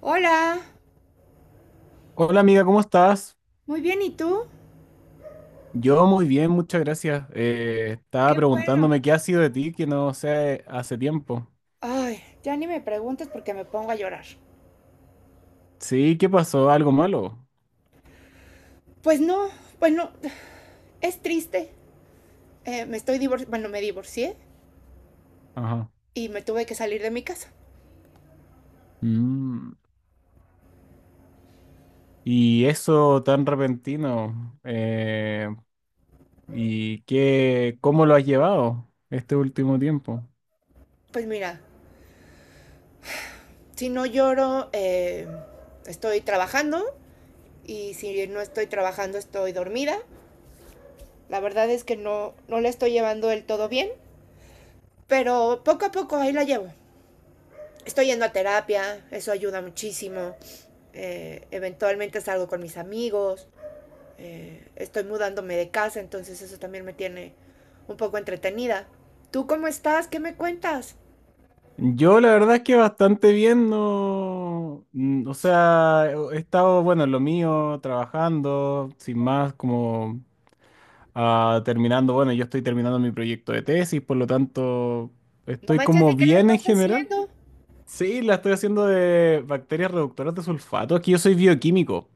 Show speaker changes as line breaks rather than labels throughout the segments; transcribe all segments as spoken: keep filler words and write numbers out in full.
Hola,
Hola amiga, ¿cómo estás?
muy bien, ¿y tú?
Yo muy bien, muchas gracias. Eh, estaba
Qué bueno.
preguntándome qué ha sido de ti, que no sé, hace tiempo.
Ay, ya ni me preguntes porque me pongo a llorar.
Sí, ¿qué pasó? ¿Algo malo?
Pues no, bueno, es triste. Eh, me estoy divor- bueno, me divorcié
Ajá.
y me tuve que salir de mi casa.
Mm, y eso tan repentino. Eh, ¿y qué, cómo lo has llevado este último tiempo?
Pues mira, si no lloro, eh, estoy trabajando y si no estoy trabajando, estoy dormida. La verdad es que no, no la estoy llevando del todo bien, pero poco a poco ahí la llevo. Estoy yendo a terapia, eso ayuda muchísimo. Eh, eventualmente salgo con mis amigos, eh, estoy mudándome de casa, entonces eso también me tiene un poco entretenida. ¿Tú cómo estás? ¿Qué me cuentas?
Yo la verdad es que bastante bien, no, mm, o sea, he estado, bueno, en lo mío, trabajando, sin más, como ah, terminando, bueno, yo estoy terminando mi proyecto de tesis, por lo tanto,
No
estoy
manches, ¿de
como
qué le
bien en
estás
general.
haciendo?
Sí, la estoy haciendo de bacterias reductoras de sulfato. Aquí yo soy bioquímico.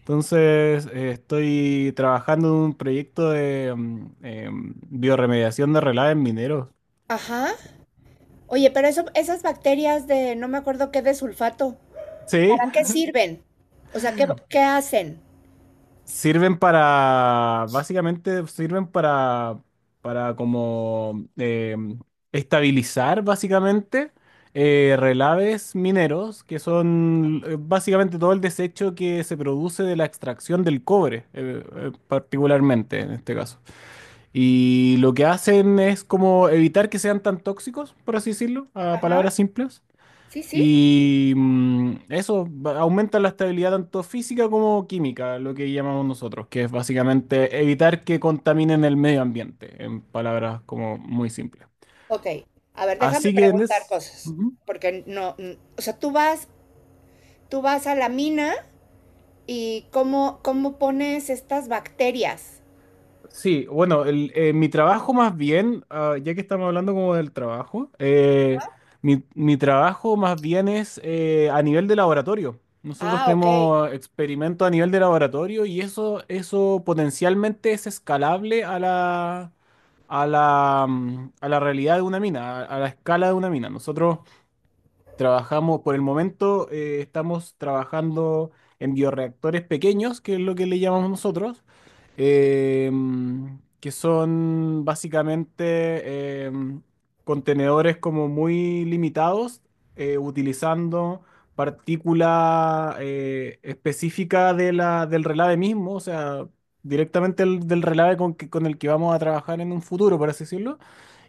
Entonces, eh, estoy trabajando en un proyecto de mm, em, bioremediación de relaves mineros.
Ajá. Oye, pero eso, esas bacterias de no me acuerdo qué de sulfato,
Sí,
¿para qué sirven? O sea, ¿qué, ¿qué hacen?
sirven para, básicamente sirven para, para como eh, estabilizar básicamente eh, relaves mineros, que son eh, básicamente todo el desecho que se produce de la extracción del cobre, eh, eh, particularmente en este caso. Y lo que hacen es como evitar que sean tan tóxicos, por así decirlo, a
Ajá.
palabras simples.
Sí, sí.
Y mm, eso va- aumenta la estabilidad tanto física como química, lo que llamamos nosotros, que es básicamente evitar que contaminen el medio ambiente, en palabras como muy simples.
Ok. A ver, déjame
Así que,
preguntar
Nes,
cosas, porque no, n- o sea, tú vas, tú vas a la mina y cómo, cómo pones estas bacterias.
sí, bueno, el- eh, mi trabajo más bien, ah, ya que estamos hablando como del trabajo, eh, mi, mi trabajo más bien es eh, a nivel de laboratorio. Nosotros
Ah, ok.
tenemos experimentos a nivel de laboratorio y eso, eso potencialmente es escalable a la, a la, mm, a la realidad de una mina, a, a la escala de una mina. Nosotros trabajamos, por el momento, eh, estamos trabajando en bioreactores pequeños, que es lo que le llamamos nosotros, em, que son básicamente em, contenedores como muy limitados, eh, utilizando partícula eh, específica de la, del relave mismo, o sea, directamente el- del relave con, que- con el que vamos a trabajar en un futuro, por así decirlo,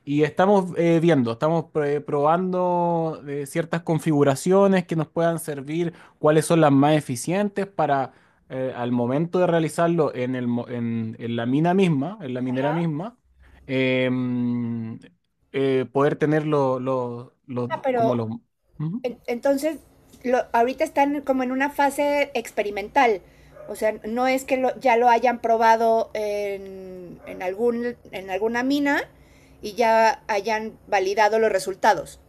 y estamos eh, viendo, estamos pre- probando eh, ciertas configuraciones que nos puedan servir, cuáles son las más eficientes para eh, al momento de realizarlo en el, mo- en, en la mina misma, en la minera misma, em, eh, poder tener los, los, los-
Ah,
como
pero
los... Ujú.
en- entonces lo, ahorita están como en una fase experimental. O sea, no es que lo- ya lo hayan probado en, en algún, en alguna mina y ya hayan validado los resultados.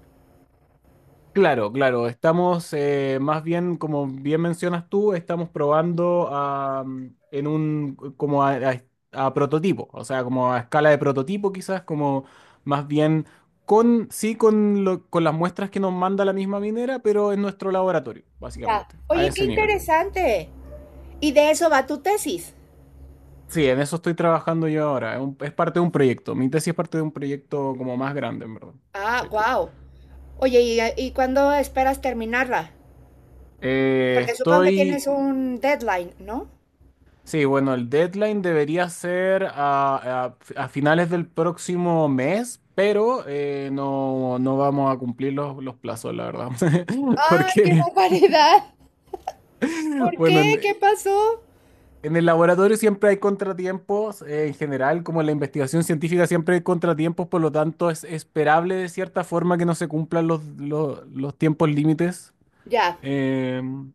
Claro, claro, estamos eh, más bien, como bien mencionas tú, estamos probando a, mm, en un, como a, a- a prototipo, o sea, como a escala de prototipo quizás, como más bien con, sí, con, lo- con las muestras que nos manda la misma minera, pero en nuestro laboratorio,
Ya.
básicamente, a
Oye, qué
ese nivel.
interesante. Y de eso va tu tesis.
Sí, en eso estoy trabajando yo ahora, es, un- es parte de un proyecto, mi tesis es parte de un proyecto como más grande, en verdad.
Ah,
Sí.
wow. Oye, ¿y, ¿y cuándo esperas terminarla?
Eh,
Porque supongo que tienes
estoy
un deadline, ¿no?
Sí, bueno, el deadline debería ser a, a- a finales del próximo mes, pero eh, no, no vamos a cumplir los, los plazos, la verdad.
¡Ay, qué
Porque,
barbaridad! ¿Por
bueno,
qué?
en,
¿Qué pasó?
en el laboratorio siempre hay contratiempos, eh, en general, como en la investigación científica siempre hay contratiempos, por lo tanto es esperable de cierta forma que no se cumplan los, los, los tiempos límites.
Ya.
Em,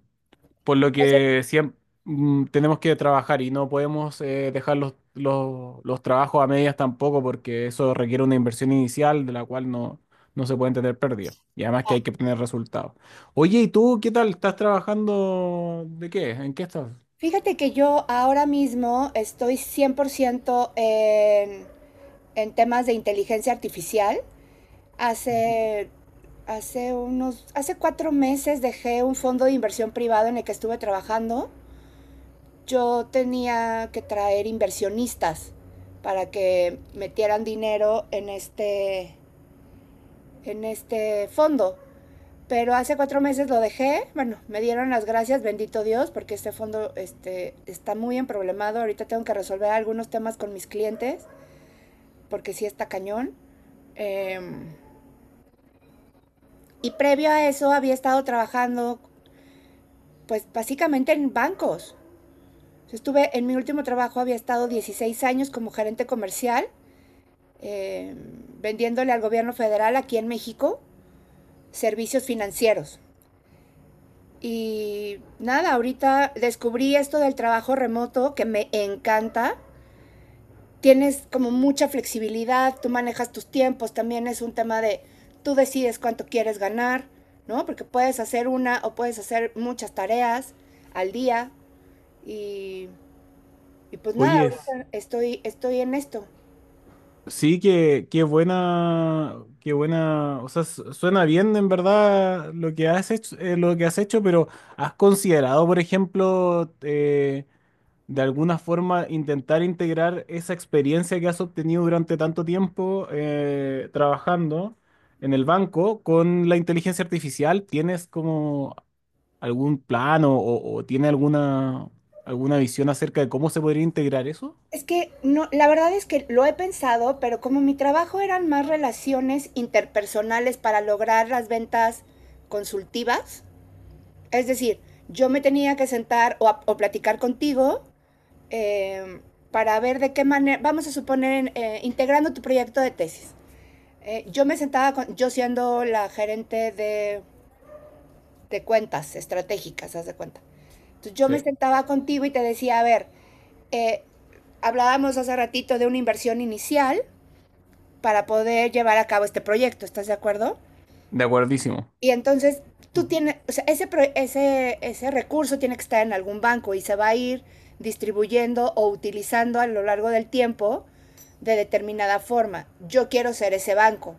por lo
O sea,
que siempre mm, tenemos que trabajar y no podemos eh, dejar los, los, los trabajos a medias tampoco, porque eso requiere una inversión inicial de la cual no, no se pueden tener pérdidas. Y además que hay que obtener resultados. Oye, ¿y tú qué tal? ¿Estás trabajando de qué? ¿En qué estás?
fíjate que yo ahora mismo estoy cien por ciento en, en temas de inteligencia artificial.
Ujú.
Hace, hace unos, hace cuatro meses dejé un fondo de inversión privado en el que estuve trabajando. Yo tenía que traer inversionistas para que metieran dinero en este, en este fondo. Pero hace cuatro meses lo dejé, bueno, me dieron las gracias, bendito Dios, porque este fondo este, está muy emproblemado. Ahorita tengo que resolver algunos temas con mis clientes, porque sí está cañón. Eh, y previo a eso había estado trabajando, pues básicamente en bancos. Estuve en mi último trabajo, había estado dieciséis años como gerente comercial, eh, vendiéndole al gobierno federal aquí en México servicios financieros. Y nada, ahorita descubrí esto del trabajo remoto que me encanta. Tienes como mucha flexibilidad, tú manejas tus tiempos, también es un tema de tú decides cuánto quieres ganar, ¿no? Porque puedes hacer una o puedes hacer muchas tareas al día y, y pues nada,
Oye, es-
ahorita estoy, estoy en esto.
Sí, que qué buena, qué buena, o sea, su- suena bien en verdad lo que has hecho, eh, lo que has hecho, pero ¿has considerado, por ejemplo, eh, de alguna forma intentar integrar esa experiencia que has obtenido durante tanto tiempo eh, trabajando en el banco con la inteligencia artificial? ¿Tienes como algún plan o, o- o tiene alguna, alguna visión acerca de cómo se podría integrar eso?
Es que no, la verdad es que lo he pensado, pero como mi trabajo eran más relaciones interpersonales para lograr las ventas consultivas, es decir, yo me tenía que sentar o, a- o platicar contigo eh, para ver de qué manera, vamos a suponer, eh, integrando tu proyecto de tesis. Eh, yo me sentaba, con, yo siendo la gerente de, de cuentas estratégicas, haz de cuenta. Entonces yo me
Sí.
sentaba contigo y te decía, a ver, eh, hablábamos hace ratito de una inversión inicial para poder llevar a cabo este proyecto, ¿estás de acuerdo?
De acuerdísimo.
Y entonces tú tienes, o sea, ese, pro- ese, ese recurso tiene que estar en algún banco y se va a ir distribuyendo o utilizando a lo largo del tiempo de determinada forma. Yo quiero ser ese banco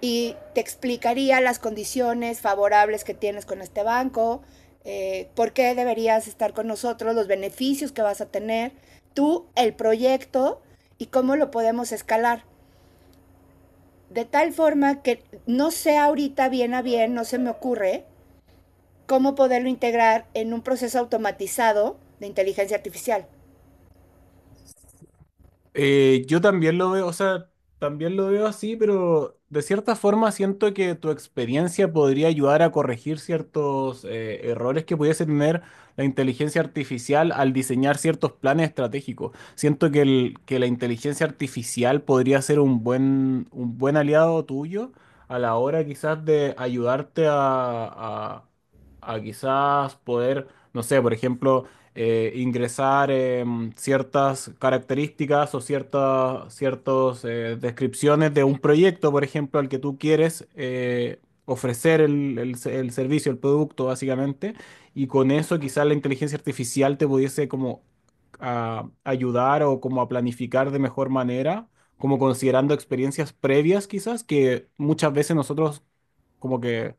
y te explicaría las condiciones favorables que tienes con este banco, eh, por qué deberías estar con nosotros, los beneficios que vas a tener, tú, el proyecto y cómo lo podemos escalar. De tal forma que no sé ahorita bien a bien, no se me ocurre, cómo poderlo integrar en un proceso automatizado de inteligencia artificial.
Eh, yo también lo veo, o sea, también lo veo así, pero de cierta forma siento que tu experiencia podría ayudar a corregir ciertos eh, errores que pudiese tener la inteligencia artificial al diseñar ciertos planes estratégicos. Siento que, el- que la inteligencia artificial podría ser un buen, un buen aliado tuyo a la hora quizás de ayudarte a, a a quizás poder, no sé, por ejemplo, eh, ingresar em, ciertas características o ciertas ciertos, eh, descripciones de un proyecto, por ejemplo, al que tú quieres eh, ofrecer el, el se- el servicio, el producto, básicamente, y con eso quizás la inteligencia artificial te pudiese como a ayudar o como a planificar de mejor manera, como considerando experiencias previas quizás, que muchas veces nosotros como que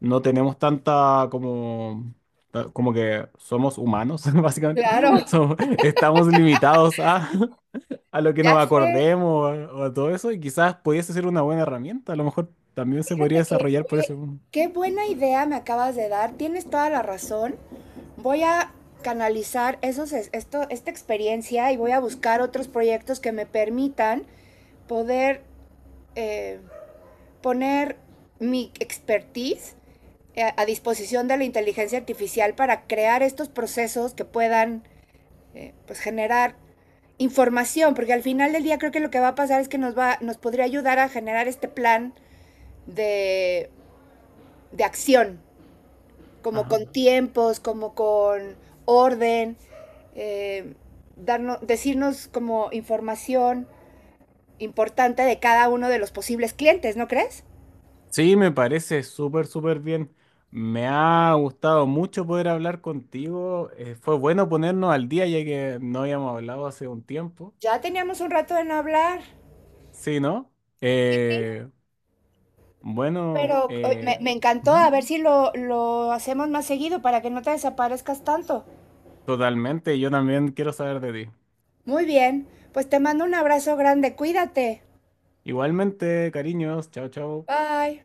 no tenemos tanta como ta- como que somos humanos, básicamente.
Claro,
Somos- Estamos limitados a, a lo que nos
ya sé,
acordemos o a, o a todo eso, y quizás pudiese ser una buena herramienta. A lo mejor también se podría
fíjate que,
desarrollar por
oye,
eso.
qué buena idea me acabas de dar, tienes toda la razón. Voy a canalizar esos, esto, esta experiencia y voy a buscar otros proyectos que me permitan poder eh, poner mi expertise a, a, disposición de la inteligencia artificial para crear estos procesos que puedan eh, pues generar información, porque al final del día creo que lo que va a pasar es que nos, va, nos podría ayudar a generar este plan de, de acción, como
Ajá.
con tiempos, como con orden, eh, darnos, decirnos como información importante de cada uno de los posibles clientes, ¿no crees?
Sí, me parece súper, súper bien. Me ha gustado mucho poder hablar contigo. Eh, fue bueno ponernos al día, ya que no habíamos hablado hace un tiempo.
Ya teníamos un rato de no hablar.
Sí, ¿no?
Sí, sí.
Eh, bueno,
Pero me,
eh,
me encantó, a
Ujú,
ver si lo, lo hacemos más seguido para que no te desaparezcas tanto.
totalmente. Yo también quiero saber de ti.
Muy bien, pues te mando un abrazo grande, cuídate.
Igualmente, cariños, chao, chao.
Bye.